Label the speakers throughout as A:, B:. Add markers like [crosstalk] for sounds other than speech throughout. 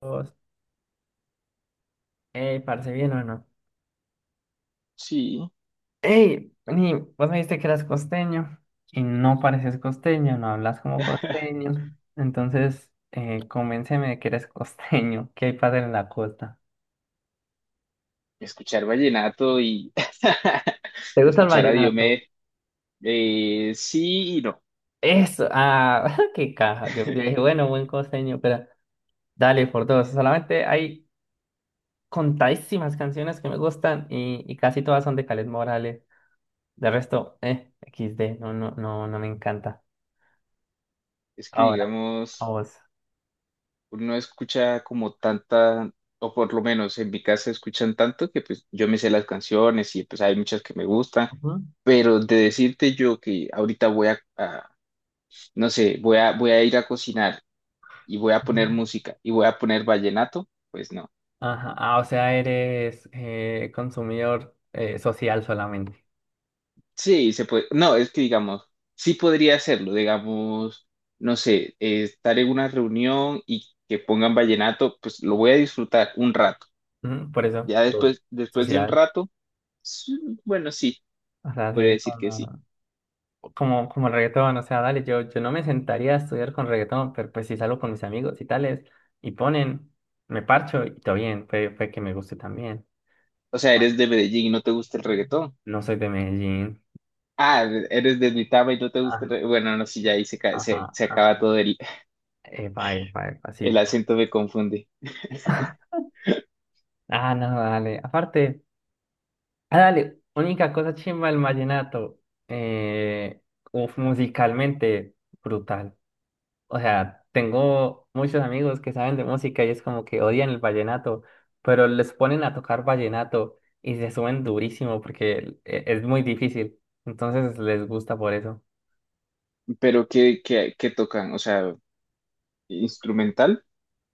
A: Dos. Ey, ¿parece bien o no?
B: Sí,
A: Ey, ni vos me dijiste que eras costeño y no pareces costeño, no hablas como
B: [laughs]
A: costeño. Entonces, convénceme de que eres costeño, [laughs] qué hay padre en la costa.
B: escuchar vallenato y [laughs]
A: ¿Te gusta el
B: escuchar a
A: vallenato?
B: Diomedes, sí y no.
A: Eso, ah, [laughs] qué caja. Yo dije,
B: [laughs]
A: bueno, buen costeño, pero dale por dos. Solamente hay contadísimas canciones que me gustan y casi todas son de Caled Morales. De resto, XD, no, no, no, no me encanta.
B: Es que,
A: Ahora, a
B: digamos,
A: vos.
B: uno escucha como tanta, o por lo menos en mi casa escuchan tanto que pues yo me sé las canciones y pues hay muchas que me gustan,
A: Ujú,
B: pero de decirte yo que ahorita no sé, voy a ir a cocinar y voy a poner
A: ujú.
B: música y voy a poner vallenato, pues no.
A: Ajá. Ah, o sea, eres consumidor social solamente.
B: Sí, se puede. No, es que digamos, sí podría hacerlo, digamos, no sé, estar en una reunión y que pongan vallenato, pues lo voy a disfrutar un rato.
A: Ujú, por eso,
B: Ya
A: claro.
B: después de un
A: Social.
B: rato, sí, bueno, sí,
A: O sea,
B: podría
A: sí,
B: decir que sí.
A: como el reggaetón. O sea, dale, yo no me sentaría a estudiar con reggaetón, pero pues si salgo con mis amigos y tales, y ponen, me parcho y todo bien, fue que me guste también.
B: O sea,
A: Ah,
B: eres de Medellín y no te gusta el reggaetón.
A: no soy de Medellín.
B: Ah, eres de Duitama y no te gusta el
A: Ah,
B: reggaetón. Bueno, no, sí, ya ahí
A: ajá,
B: se acaba
A: ajá.
B: todo
A: Epa, epa, epa, sí.
B: el acento, me confunde.
A: [laughs] Ah, no, dale. Aparte. Ah, dale, única cosa chimba del vallenato. Eh, uf, musicalmente brutal. O sea, tengo muchos amigos que saben de música y es como que odian el vallenato, pero les ponen a tocar vallenato y se suben durísimo porque es muy difícil. Entonces les gusta por eso.
B: Pero ¿ qué tocan? O sea, instrumental.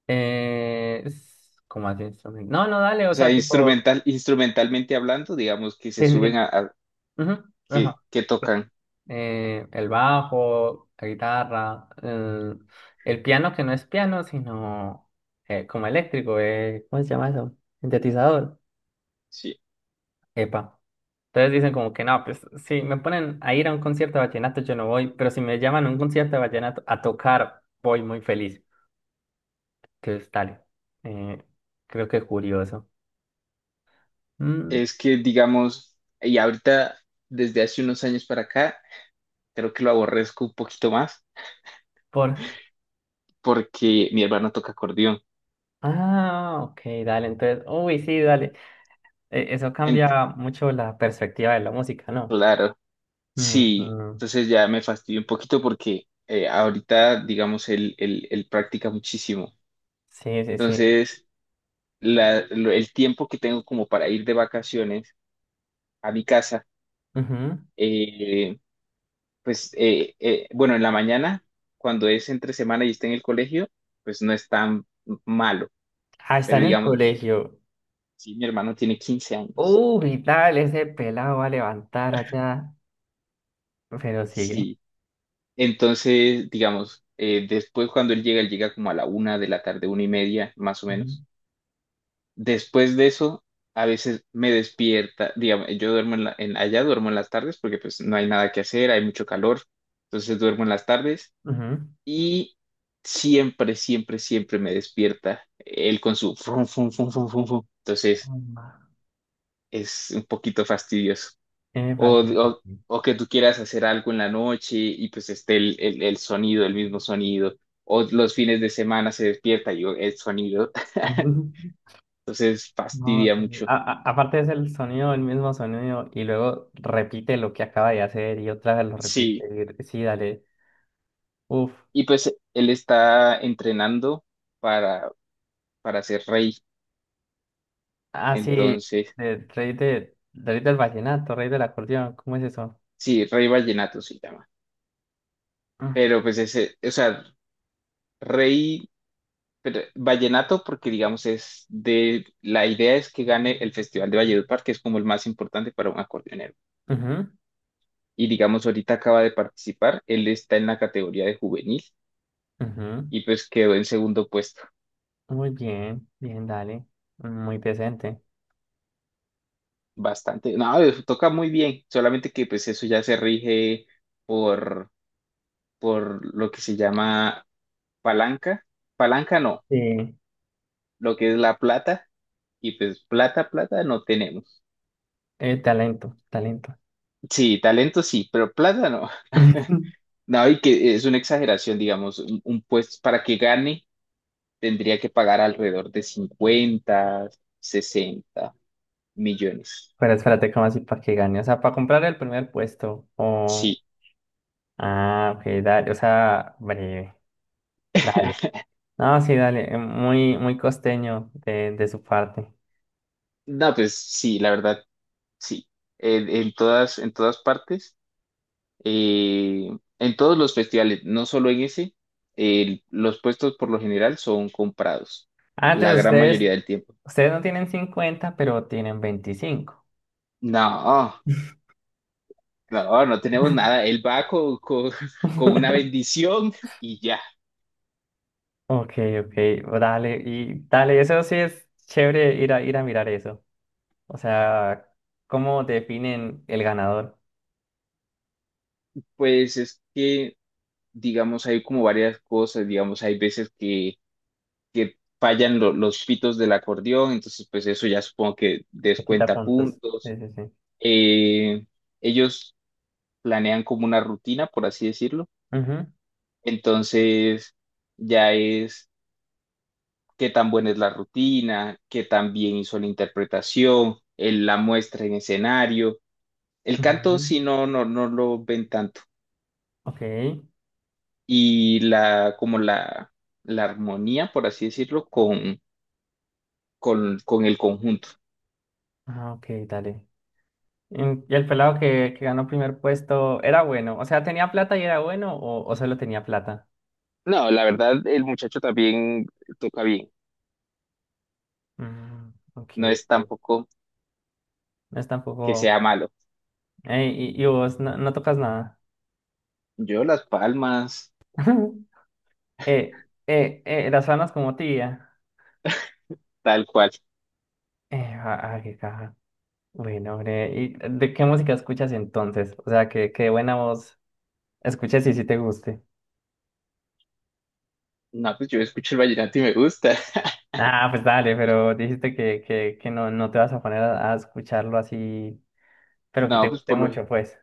A: ¿Cómo así? No, no, dale,
B: O
A: o
B: sea,
A: sea, tipo.
B: instrumentalmente hablando, digamos que se
A: Sí, sí,
B: suben
A: sí.
B: a
A: Ujú, ajá.
B: que tocan.
A: El bajo, la guitarra, el piano que no es piano, sino como eléctrico, ¿cómo se llama eso? Sintetizador.
B: Sí,
A: Epa. Entonces dicen como que no, pues si me ponen a ir a un concierto de vallenato yo no voy, pero si me llaman a un concierto de vallenato a tocar, voy muy feliz. Entonces tal, eh, creo que es curioso. Mm,
B: es que digamos, y ahorita desde hace unos años para acá, creo que lo aborrezco un poquito más
A: por...
B: porque mi hermano toca acordeón.
A: Ah, ok, dale, entonces, uy, sí, dale. Eso
B: En-
A: cambia mucho la perspectiva de la música, ¿no?
B: claro, sí,
A: Ujú.
B: entonces ya me fastidio un poquito porque ahorita, digamos, él practica muchísimo.
A: Sí, sí, sí.
B: Entonces, el tiempo que tengo como para ir de vacaciones a mi casa,
A: Ujú.
B: eh, bueno, en la mañana, cuando es entre semana y está en el colegio, pues no es tan malo,
A: Ah, está
B: pero
A: en el
B: digamos,
A: colegio.
B: sí, mi hermano tiene 15 años,
A: Uy, tal, ese pelado va a levantar allá. Pero sigue.
B: sí. Entonces, digamos, después cuando él llega como a la 1 de la tarde, 1 y media, más o
A: Ujú.
B: menos. Después de eso, a veces me despierta, digamos, yo duermo en allá duermo en las tardes porque pues no hay nada que hacer, hay mucho calor, entonces duermo en las tardes
A: Ujú.
B: y siempre, siempre, siempre me despierta él con su frum, frum, frum, frum, frum, frum. Entonces
A: Emma.
B: es un poquito fastidioso.
A: Epa, sí, sí, sí.
B: O que tú quieras hacer algo en la noche y pues esté el sonido, el mismo sonido. O los fines de semana se despierta y yo, el sonido.
A: Ujú. [laughs]
B: [laughs] Entonces
A: No,
B: fastidia
A: sí.
B: mucho.
A: A- aparte es el sonido, el mismo sonido, y luego repite lo que acaba de hacer y otra vez lo
B: Sí,
A: repite. Sí, dale. Uf.
B: y pues él está entrenando para, para ser rey.
A: Ah, sí.
B: Entonces,
A: Rey del vallenato, rey del acordeón. ¿Cómo es eso?
B: sí, rey vallenato se llama.
A: Mm.
B: Pero pues ese, o sea, rey. Pero vallenato, porque digamos es de, la idea es que gane el Festival de Valledupar, que es como el más importante para un acordeonero.
A: Ujú,
B: Y digamos, ahorita acaba de participar, él está en la categoría de juvenil
A: ujú.
B: y pues quedó en segundo puesto.
A: Muy bien, bien, dale. Muy decente.
B: Bastante, no, toca muy bien, solamente que pues eso ya se rige por, por lo que se llama palanca. Palanca no,
A: Sí.
B: lo que es la plata y pues plata no tenemos.
A: Talento, talento.
B: Sí, talento sí, pero plata no. [laughs]
A: [laughs]
B: No, y que es una exageración, digamos, un puesto para que gane tendría que pagar alrededor de 50 60 millones.
A: Pero espérate, ¿cómo así para que gane? O sea, para comprar el primer puesto. O.
B: Sí.
A: Ah, ok, dale. O sea, breve. Dale.
B: [laughs]
A: No, sí, dale. Muy, muy costeño de su parte.
B: No, pues sí, la verdad, sí. En todas, en todas partes, eh, en todos los festivales, no solo en ese, los puestos por lo general son comprados,
A: Ah,
B: la
A: entonces
B: gran
A: ustedes,
B: mayoría del tiempo.
A: ustedes no tienen 50 pero tienen 25.
B: No, no, no tenemos nada. Él va con [laughs] con una
A: [laughs]
B: bendición y ya.
A: Ok, ok, dale. Y dale, eso sí es chévere ir a mirar eso. O sea, ¿cómo definen el ganador?
B: Pues es que, digamos, hay como varias cosas, digamos, hay veces que fallan los pitos del acordeón, entonces pues eso ya supongo que
A: Le quita
B: descuenta
A: puntos. Sí,
B: puntos.
A: sí, sí.
B: Eh, Ellos planean como una rutina, por así decirlo,
A: Ujú,
B: entonces ya es qué tan buena es la rutina, qué tan bien hizo la interpretación, la muestra en escenario. El canto,
A: ujú.
B: si no, no lo ven tanto.
A: Ok.
B: Y la, como la armonía, por así decirlo, con el conjunto.
A: Ah, ok, dale. ¿Y el pelado que ganó primer puesto era bueno? O sea, ¿tenía plata y era bueno o solo tenía plata?
B: No, la verdad, el muchacho también toca bien.
A: Mm, ok.
B: No es
A: Ok.
B: tampoco
A: No es
B: que
A: tampoco...
B: sea malo.
A: Ey, y vos no tocas nada.
B: Yo las palmas,
A: [laughs] Las manos como tía.
B: tal cual.
A: Ah, ah, qué caja. Bueno, hombre, ¿y de qué música escuchas entonces? O sea, que buena voz. Escuché si sí te guste.
B: No, pues yo escucho el vallenato y me gusta. [laughs]
A: Ah, pues dale, pero dijiste que no te vas a poner a escucharlo así, pero que te
B: No, pues
A: guste
B: por lo,
A: mucho, pues.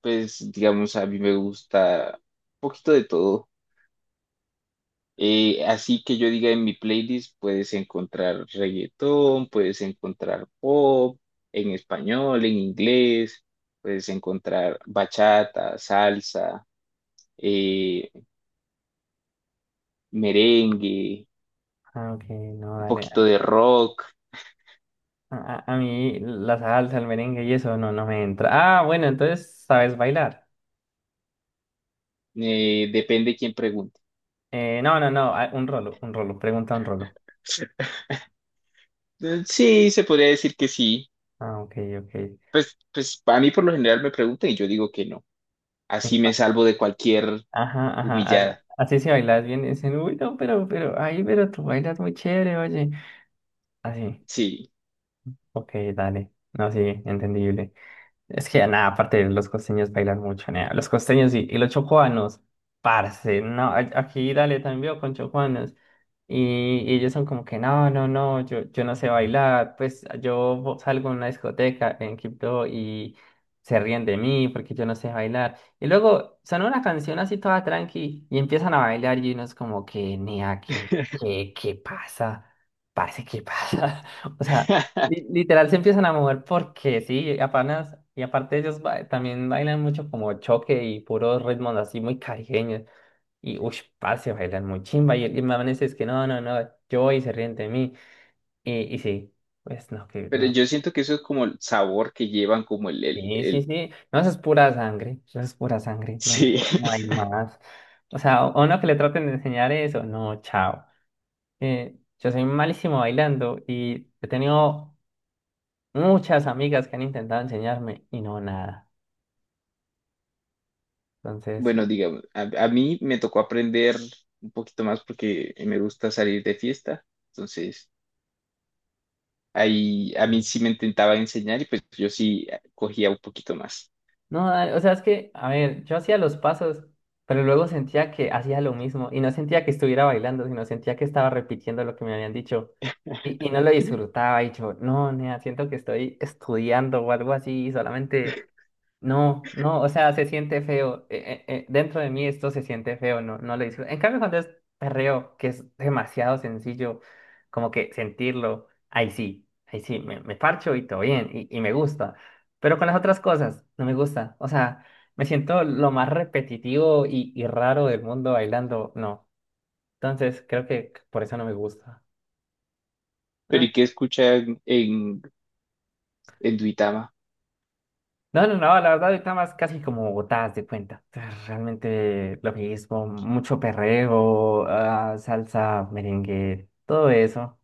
B: pues digamos, a mí me gusta un poquito de todo. Así que yo diga en mi playlist puedes encontrar reggaetón, puedes encontrar pop en español, en inglés, puedes encontrar bachata, salsa, eh, merengue,
A: Ah, ok, no,
B: un poquito
A: dale.
B: de rock,
A: A mí la salsa, el merengue y eso no me entra. Ah, bueno, entonces, ¿sabes bailar?
B: depende quién pregunte.
A: No, no, no, ah, un rolo, pregunta un rolo.
B: Sí, se podría decir que sí.
A: Ah, ok, ok.
B: Pues, pues a mí por lo general me preguntan y yo digo que no. Así
A: Epa.
B: me salvo de cualquier
A: Ajá, ajá, así,
B: humillada.
A: así si bailas bien, dicen, uy, no, pero, ay, pero tú bailas muy chévere, oye. Así,
B: Sí.
A: ok, dale. No, sí, entendible. Es que nada, aparte los costeños bailan mucho, nea. Los costeños y los chocuanos, parce, no, aquí dale también veo con chocuanos. Y ellos son como que no, no, no, yo no sé bailar, pues yo salgo a una discoteca en Quibdó y se ríen de mí porque yo no sé bailar. Y luego son una canción así toda tranqui y empiezan a bailar y uno es como que, nea, ¿qué,
B: [laughs]
A: qué, qué pasa? Parce, ¿qué pasa? [laughs] O sea, literal se empiezan a mover porque sí, apenas, y aparte ellos también bailan mucho como choque y puros ritmos así muy caribeños. Y uff, parce, bailan muy chimba. Y manes es que no, no, no, yo voy y se ríen de mí. Y sí, pues no, que
B: Pero
A: no.
B: yo siento que eso es como el sabor que llevan, como
A: Sí, sí,
B: el-
A: sí. No, eso es pura sangre. Eso es pura sangre. No,
B: sí.
A: no hay
B: [laughs]
A: más. O sea, a uno que le traten de enseñar eso, no, chao. Yo soy malísimo bailando y he tenido muchas amigas que han intentado enseñarme y no nada. Entonces,
B: Bueno, digamos, a mí me tocó aprender un poquito más porque me gusta salir de fiesta. Entonces, ahí a mí
A: eh,
B: sí me intentaba enseñar y pues yo sí cogía un poquito más.
A: no, dale, o sea, es que, a ver, yo hacía los pasos, pero luego sentía que hacía lo mismo y no sentía que estuviera bailando, sino sentía que estaba repitiendo lo que me habían dicho y no lo disfrutaba y yo, no, nea, siento que estoy estudiando o algo así, solamente. No, no, o sea, se siente feo. Dentro de mí esto se siente feo, no, no lo disfruto. En cambio, cuando es perreo, que es demasiado sencillo, como que sentirlo, ahí sí, me parcho y todo bien, y me gusta. Pero con las otras cosas, no me gusta. O sea, me siento lo más repetitivo y raro del mundo bailando, no. Entonces, creo que por eso no me gusta.
B: Pero
A: Ah,
B: ¿y qué escuchan en Duitama?
A: no, no, no, la verdad ahorita más casi como Bogotá, haz de cuenta. [laughs] Realmente lo mismo, mucho perreo, ah, salsa, merengue, todo eso.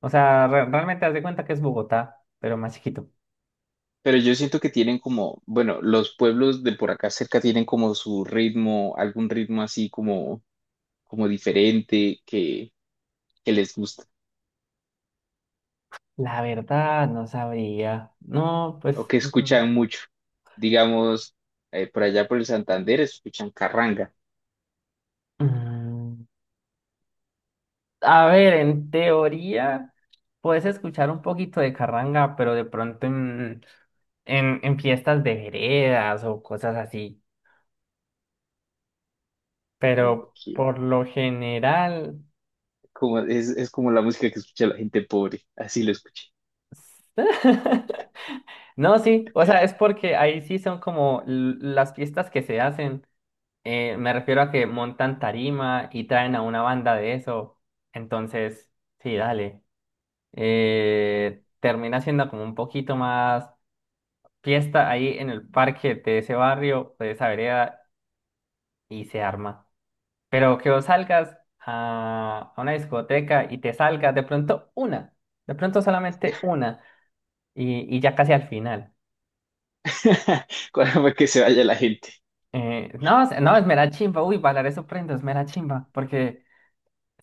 A: O sea, realmente haz de cuenta que es Bogotá, pero más chiquito.
B: Pero yo siento que tienen como, bueno, los pueblos de por acá cerca tienen como su ritmo, algún ritmo así como, como diferente que les gusta.
A: La verdad, no sabría. No,
B: O
A: pues,
B: que
A: ujú.
B: escuchan mucho. Digamos, por allá por el Santander escuchan carranga.
A: mm, a ver, en teoría puedes escuchar un poquito de carranga, pero de pronto en fiestas de veredas o cosas así.
B: Mm,
A: Pero
B: aquí,
A: por lo general...
B: Como, es como la música que escucha la gente pobre, así lo escuché.
A: [laughs] No, sí, o sea, es porque ahí sí son como las fiestas que se hacen. Me refiero a que montan tarima y traen a una banda de eso. Entonces, sí, dale. Termina siendo como un poquito más fiesta ahí en el parque de ese barrio, de esa vereda, y se arma. Pero que vos salgas a una discoteca y te salgas de pronto una, de pronto solamente una, y ya casi al final.
B: [laughs] Cuando que se vaya la gente.
A: No, no, es mera chimba, uy, bailar eso prendo, es mera chimba, porque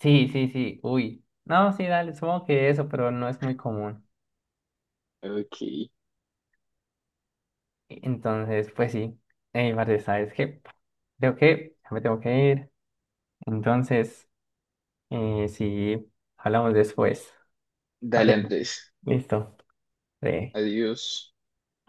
A: sí, sí, sí, uy, no, sí, dale, supongo que eso, pero no es muy común.
B: Ok,
A: Entonces, pues sí, Marce, ¿sabes qué? Creo que ya me tengo que ir, entonces, sí, hablamos después.
B: dale
A: Vale,
B: Andrés,
A: listo. Sí.
B: adiós.